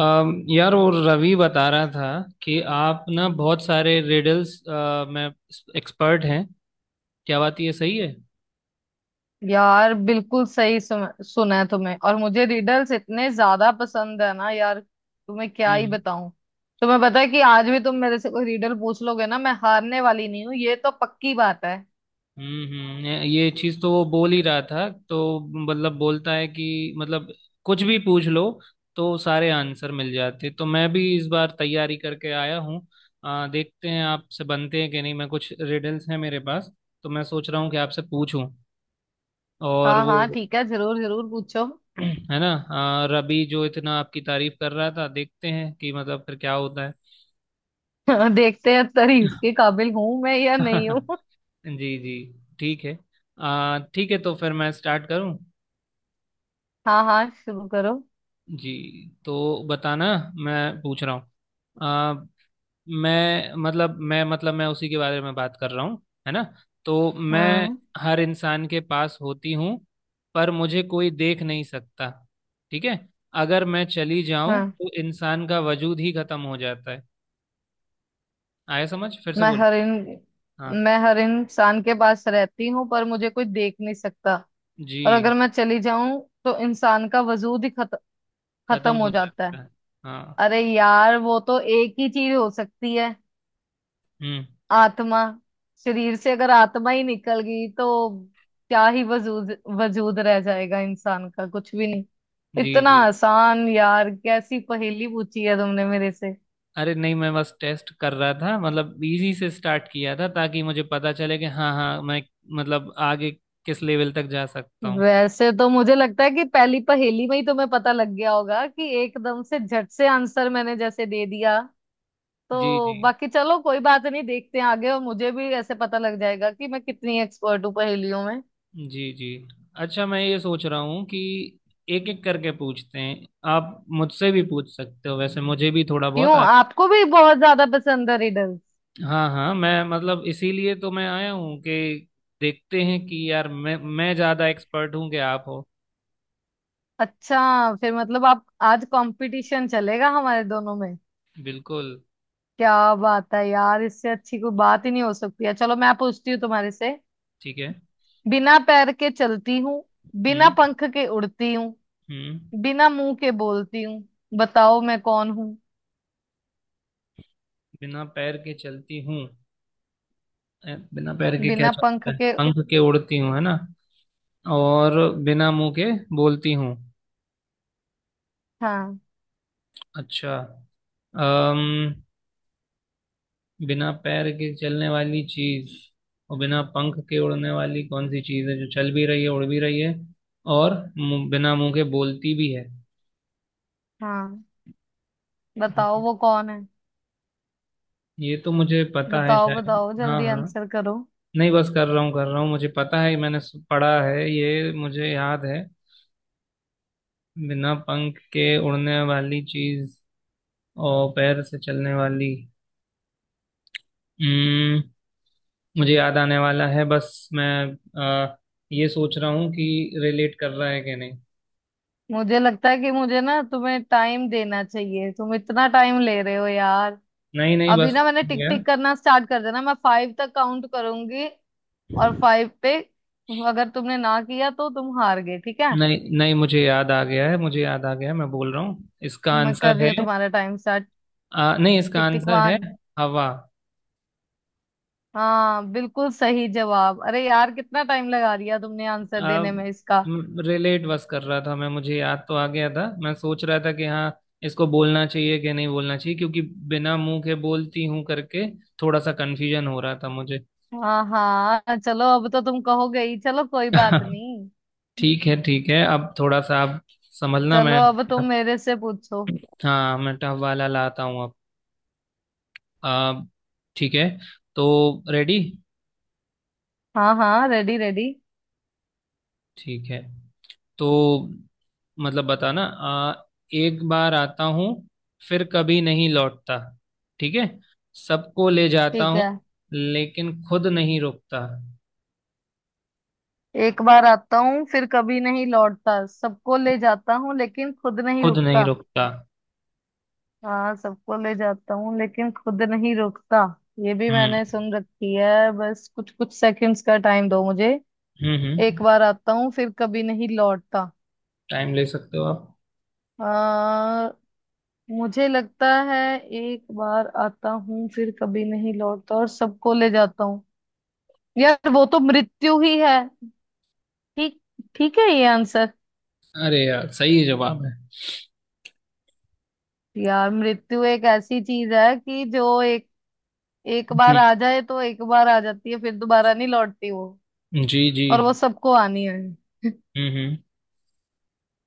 यार वो रवि बता रहा था कि आप ना बहुत सारे रिडल्स में एक्सपर्ट हैं। क्या बात, ये सही है? यार बिल्कुल सही सुना है तुम्हें। और मुझे रिडल्स इतने ज्यादा पसंद है ना यार, तुम्हें क्या ही हम्म बताऊं। तुम्हें पता है कि आज भी तुम मेरे से कोई रिडल पूछ लोगे ना, मैं हारने वाली नहीं हूँ, ये तो पक्की बात है। ये चीज तो वो बोल ही रहा था। तो मतलब बोलता है कि, मतलब कुछ भी पूछ लो तो सारे आंसर मिल जाते। तो मैं भी इस बार तैयारी करके आया हूँ। देखते हैं आपसे बनते हैं कि नहीं। मैं कुछ रिडल्स हैं मेरे पास, तो मैं सोच रहा हूँ कि आपसे पूछूं। और हाँ हाँ, वो ठीक है, जरूर जरूर पूछो। है ना। रबी जो इतना आपकी तारीफ कर रहा था, देखते हैं कि मतलब फिर क्या होता है। देखते हैं तारीफ के काबिल हूं मैं या नहीं हूँ। जी जी। ठीक है। ठीक है तो फिर मैं स्टार्ट करूं। हाँ हाँ, शुरू करो। जी। तो बताना, मैं पूछ रहा हूँ। आ, मैं मतलब मैं उसी के बारे में बात कर रहा हूँ है ना। तो मैं हाँ हर इंसान के पास होती हूँ, पर मुझे कोई देख नहीं सकता। ठीक है। अगर मैं चली जाऊं हाँ। तो इंसान का वजूद ही खत्म हो जाता है। आया समझ? फिर से मैं बोलो। हर इन हाँ। मैं हर इंसान के पास रहती हूँ, पर मुझे कोई देख नहीं सकता। और जी। अगर मैं चली जाऊं तो इंसान का वजूद ही खत्म खत्म हो हो जाता जाता है। है। हाँ। अरे यार, वो तो एक ही चीज हो सकती है। हम्म। आत्मा। शरीर से अगर आत्मा ही निकल गई तो क्या ही वजूद वजूद रह जाएगा इंसान का, कुछ भी नहीं। जी इतना जी। आसान यार, कैसी पहेली पूछी है तुमने मेरे से। अरे नहीं, मैं बस टेस्ट कर रहा था, मतलब इजी से स्टार्ट किया था ताकि मुझे पता चले कि हाँ हाँ मैं, मतलब आगे किस लेवल तक जा सकता हूँ। वैसे तो मुझे लगता है कि पहली पहेली में ही तुम्हें पता लग गया होगा कि एकदम से झट से आंसर मैंने जैसे दे दिया, जी तो जी। बाकी चलो कोई बात नहीं। देखते हैं आगे, और मुझे भी ऐसे पता लग जाएगा कि मैं कितनी एक्सपर्ट हूँ पहेलियों में। जी जी। अच्छा, मैं ये सोच रहा हूँ कि एक एक करके पूछते हैं। आप मुझसे भी पूछ सकते हो, वैसे मुझे भी थोड़ा बहुत क्यों, आता। आपको भी बहुत ज्यादा पसंद है रिडल्स? हाँ हाँ, मैं मतलब इसीलिए तो मैं आया हूँ कि देखते हैं कि यार मैं ज़्यादा एक्सपर्ट हूँ कि आप हो। अच्छा, फिर मतलब आप आज कंपटीशन चलेगा हमारे दोनों में। बिल्कुल। क्या बात है यार, इससे अच्छी कोई बात ही नहीं हो सकती है। चलो, मैं पूछती हूँ तुम्हारे से। ठीक है। बिना पैर के चलती हूँ, बिना हम्म पंख के उड़ती हूँ, हम्म। बिना मुंह के बोलती हूँ, बताओ मैं कौन हूँ। बिना पैर के चलती हूँ। बिना पैर के क्या बिना पंख चलता है, के। पंख के उड़ती हूँ है ना। और बिना मुंह के बोलती हूँ। हाँ अच्छा। अम बिना पैर के चलने वाली चीज और बिना पंख के उड़ने वाली, कौन सी चीज है जो चल भी रही है उड़ भी रही है और बिना मुंह के बोलती भी है। हाँ, बताओ हम्म, वो कौन है। ये तो मुझे पता है बताओ शायद। बताओ, हाँ जल्दी हाँ। आंसर करो। नहीं बस कर रहा हूँ कर रहा हूँ, मुझे पता है, मैंने पढ़ा है ये, मुझे याद है। बिना पंख के उड़ने वाली चीज और पैर से चलने वाली। हम्म। मुझे याद आने वाला है बस मैं आ, ये सोच रहा हूँ कि रिलेट कर रहा है कि नहीं। मुझे लगता है कि मुझे ना तुम्हें टाइम देना चाहिए, तुम इतना टाइम ले रहे हो यार। नहीं नहीं, अभी बस ना मैंने हो टिक गया। टिक करना स्टार्ट कर देना, मैं 5 तक काउंट करूंगी, और 5 पे अगर तुमने ना किया तो तुम हार गए, ठीक है। नहीं नहीं, मुझे याद आ गया है, मुझे याद आ गया है, मैं बोल रहा हूँ इसका मैं कर आंसर रही हूँ है। तुम्हारा टाइम स्टार्ट। नहीं, इसका टिक टिक आंसर है 1। हवा। हाँ बिल्कुल सही जवाब। अरे यार, कितना टाइम लगा दिया तुमने आंसर देने में इसका। रिलेट बस कर रहा था मैं, मुझे याद तो आ गया था, मैं सोच रहा था कि हाँ इसको बोलना चाहिए कि नहीं बोलना चाहिए, क्योंकि बिना मुंह के बोलती हूँ करके थोड़ा सा कंफ्यूजन हो रहा था मुझे। हाँ हाँ, चलो अब तो तुम कहोगे ही, चलो कोई बात नहीं। ठीक है ठीक है। अब थोड़ा सा आप समझना चलो मैं। अब तुम मेरे से पूछो। हाँ मैं टफ वाला लाता हूँ अब। अब ठीक है, तो रेडी? हाँ हाँ, रेडी रेडी। ठीक है। तो मतलब बताना, एक बार आता हूँ फिर कभी नहीं लौटता। ठीक है। सबको ले जाता ठीक हूँ है। लेकिन खुद नहीं रुकता। एक बार आता हूँ फिर कभी नहीं लौटता, सबको ले जाता हूँ लेकिन खुद नहीं खुद नहीं रुकता। रुकता। हाँ, सबको ले जाता हूँ लेकिन खुद नहीं रुकता। ये भी हम्म मैंने सुन रखी है, बस कुछ कुछ सेकंड्स का टाइम दो मुझे। हम्म। एक बार आता हूँ फिर कभी नहीं लौटता। टाइम ले सकते हो आप। आ, मुझे लगता है, एक बार आता हूँ फिर कभी नहीं लौटता और सबको ले जाता हूँ। यार, वो तो मृत्यु ही है। ठीक, ठीक है ये आंसर। अरे यार सही जवाब है। यार मृत्यु एक ऐसी चीज है कि जो एक, एक बार हम्म, आ जाए तो एक बार आ जाती है, फिर दोबारा नहीं लौटती वो। जी जी। और वो सबको आनी है। हम्म।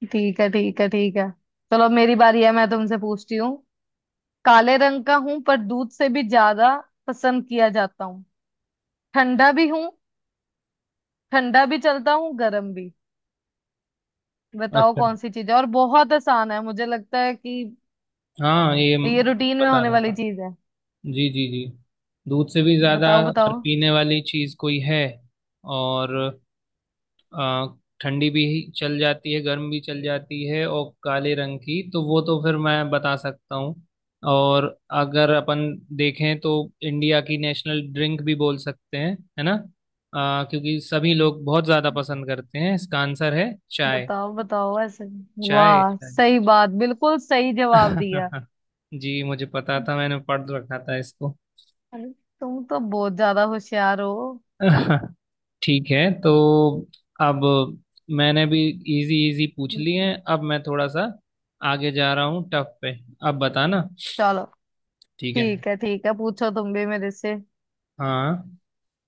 ठीक है ठीक है ठीक है। चलो अब मेरी बारी है, मैं तुमसे पूछती हूँ। काले रंग का हूं पर दूध से भी ज्यादा पसंद किया जाता हूँ। ठंडा भी हूँ, ठंडा भी चलता हूँ गर्म भी। बताओ अच्छा, कौन सी चीज है, और बहुत आसान है मुझे लगता है कि, हाँ, ये ये रूटीन में बता होने दूंगा। वाली चीज है। जी जी जी। दूध से भी ज्यादा बताओ बताओ। पीने वाली चीज कोई है, और आ, ठंडी भी चल जाती है गर्म भी चल जाती है, और काले रंग की, तो वो तो फिर मैं बता सकता हूँ। और अगर अपन देखें तो इंडिया की नेशनल ड्रिंक भी बोल सकते हैं, है ना। क्योंकि सभी लोग बहुत ज़्यादा पसंद करते हैं, इसका आंसर है चाय। बताओ बताओ ऐसे। चाय वाह, चाय। सही बात, बिल्कुल सही जवाब दिया। जी मुझे पता था, मैंने पढ़ रखा था इसको। अरे, तुम तो बहुत ज्यादा होशियार हो। ठीक है। तो अब मैंने भी इजी इजी पूछ लिए हैं, अब मैं थोड़ा सा आगे जा रहा हूँ टफ पे। अब बताना। चलो ठीक है। ठीक है, ठीक है पूछो तुम भी मेरे से। हाँ,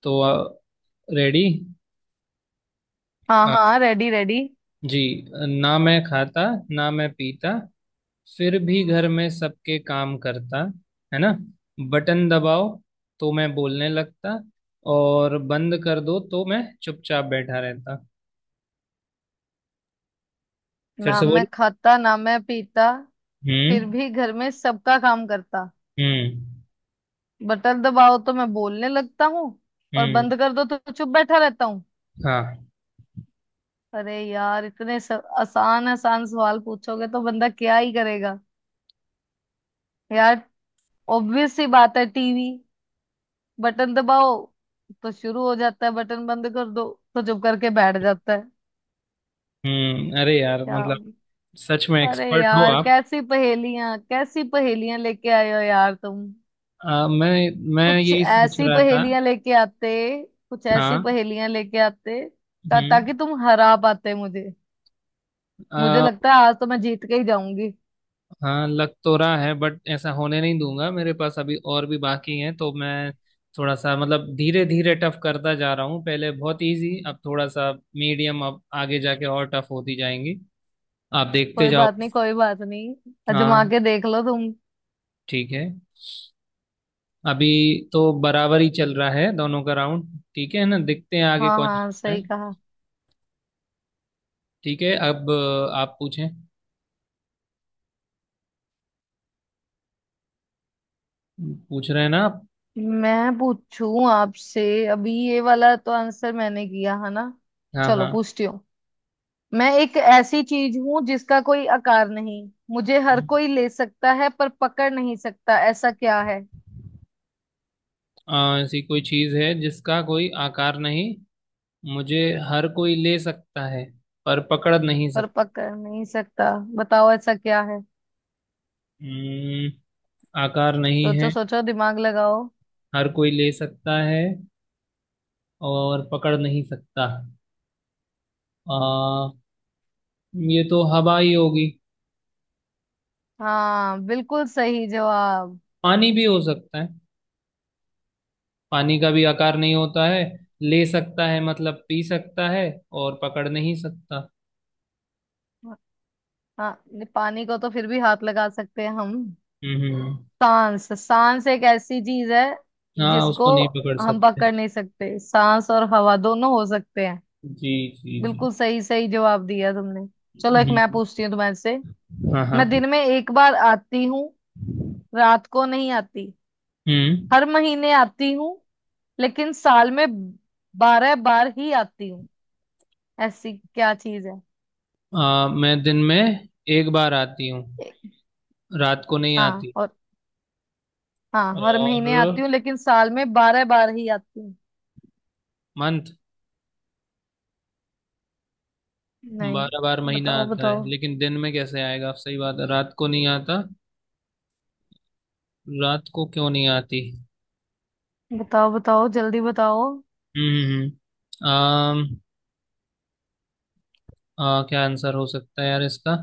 तो रेडी? हाँ हाँ, रेडी रेडी। जी। ना मैं खाता ना मैं पीता, फिर भी घर में सबके काम करता, है ना। बटन दबाओ तो मैं बोलने लगता, और बंद कर दो तो मैं चुपचाप बैठा रहता। फिर ना से मैं बोलो। खाता ना मैं पीता, फिर हम्म भी घर में सबका काम करता। हम्म बटन दबाओ तो मैं बोलने लगता हूँ, और हम्म। बंद कर दो तो चुप बैठा रहता हूँ। हाँ। अरे यार, इतने आसान आसान सवाल पूछोगे तो बंदा क्या ही करेगा यार। ऑब्वियस सी बात है, टीवी। बटन दबाओ तो शुरू हो जाता है, बटन बंद कर दो तो चुप करके बैठ जाता है। हम्म। अरे यार क्या? मतलब सच में अरे एक्सपर्ट हो यार, आप। कैसी पहेलियां लेके आए हो यार तुम। आ, मैं मैं कुछ यही सोच ऐसी रहा था। पहेलियां लेके आते, कुछ ऐसी हाँ। पहेलियां लेके आते, ता, हम्म। ताकि तुम हरा पाते मुझे। मुझे आ, लगता है आज तो मैं जीत के ही जाऊंगी। हाँ लग तो रहा है, बट ऐसा होने नहीं दूंगा, मेरे पास अभी और भी बाकी हैं, तो मैं थोड़ा सा मतलब धीरे धीरे टफ करता जा रहा हूँ, पहले बहुत इजी अब थोड़ा सा मीडियम, अब आगे जाके और टफ होती जाएंगी। आप देखते कोई जाओ। बात नहीं कोई बात नहीं, आजमा हाँ के देख लो तुम। ठीक है। अभी तो बराबर ही चल रहा है दोनों का राउंड, ठीक है ना, देखते हैं आगे हाँ कौन हाँ, जीतता है। सही कहा। ठीक है। अब आप पूछें। पूछ रहे हैं ना आप? मैं पूछूं आपसे? अभी ये वाला तो आंसर मैंने किया है ना। हाँ चलो हाँ। पूछती हूँ। मैं एक ऐसी चीज हूं जिसका कोई आकार नहीं, मुझे हर कोई ले सकता है पर पकड़ नहीं सकता, ऐसा क्या है। ऐसी कोई चीज है जिसका कोई आकार नहीं, मुझे हर कोई ले सकता है पर पकड़ नहीं पर सकता। पकड़ नहीं सकता। बताओ ऐसा क्या है। हम्म, आकार नहीं सोचो है, सोचो, दिमाग लगाओ। हर कोई ले सकता है और पकड़ नहीं सकता। आ, ये तो हवा ही होगी। हाँ बिल्कुल सही जवाब। पानी भी हो सकता है, पानी का भी आकार नहीं होता है, ले सकता है मतलब पी सकता है और पकड़ नहीं सकता। हाँ नहीं, पानी को तो फिर भी हाथ लगा सकते हैं हम। हम्म हम्म, सांस, सांस एक ऐसी चीज है हाँ जिसको उसको नहीं पकड़ हम सकते। पकड़ नहीं सकते, सांस और हवा दोनों हो सकते हैं। जी जी बिल्कुल सही, सही जवाब दिया तुमने। चलो एक जी। मैं पूछती हूँ तुम्हारे से। हाँ हाँ। मैं दिन में एक बार आती हूँ, रात को नहीं आती। हम्म। हर महीने आती हूँ लेकिन साल में 12 बार ही आती हूँ। ऐसी क्या चीज है। मैं दिन में एक बार आती हूँ, ए- रात को नहीं हाँ, आती, और हाँ, हर महीने आती और हूँ लेकिन साल में बारह बार ही आती हूँ। मंथ 12 बार, नहीं, महीना बताओ आता है बताओ। लेकिन दिन में कैसे आएगा आप, सही बात है, रात को नहीं आता, रात को क्यों नहीं आती? बताओ बताओ जल्दी बताओ। आम। क्या आंसर हो सकता है यार इसका?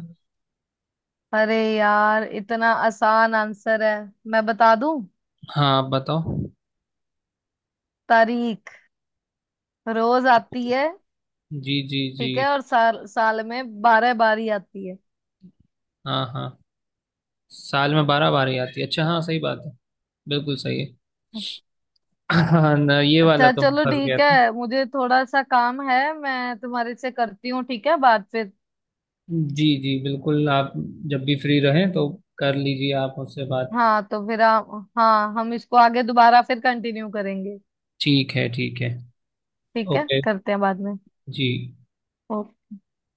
अरे यार, इतना आसान आंसर है, मैं बता दूं। हाँ आप बताओ। तारीख। रोज आती है। जी जी जी। ठीक है, और साल, साल में 12 बार ही आती है। हाँ हाँ, साल में 12 बार ही आती है, अच्छा हाँ सही बात है, बिल्कुल सही है। हाँ ना, ये वाला अच्छा तो मैं चलो, फंस गया। ठीक है, मुझे थोड़ा सा काम है, मैं तुम्हारे से करती हूँ, ठीक है, बात फिर। जी जी, बिल्कुल, आप जब भी फ्री रहें तो कर लीजिए आप उससे बात। हाँ तो फिर हाँ, हम इसको आगे दोबारा फिर कंटिन्यू करेंगे। ठीक है ठीक है। ठीक है, ओके। करते हैं बाद में। जी।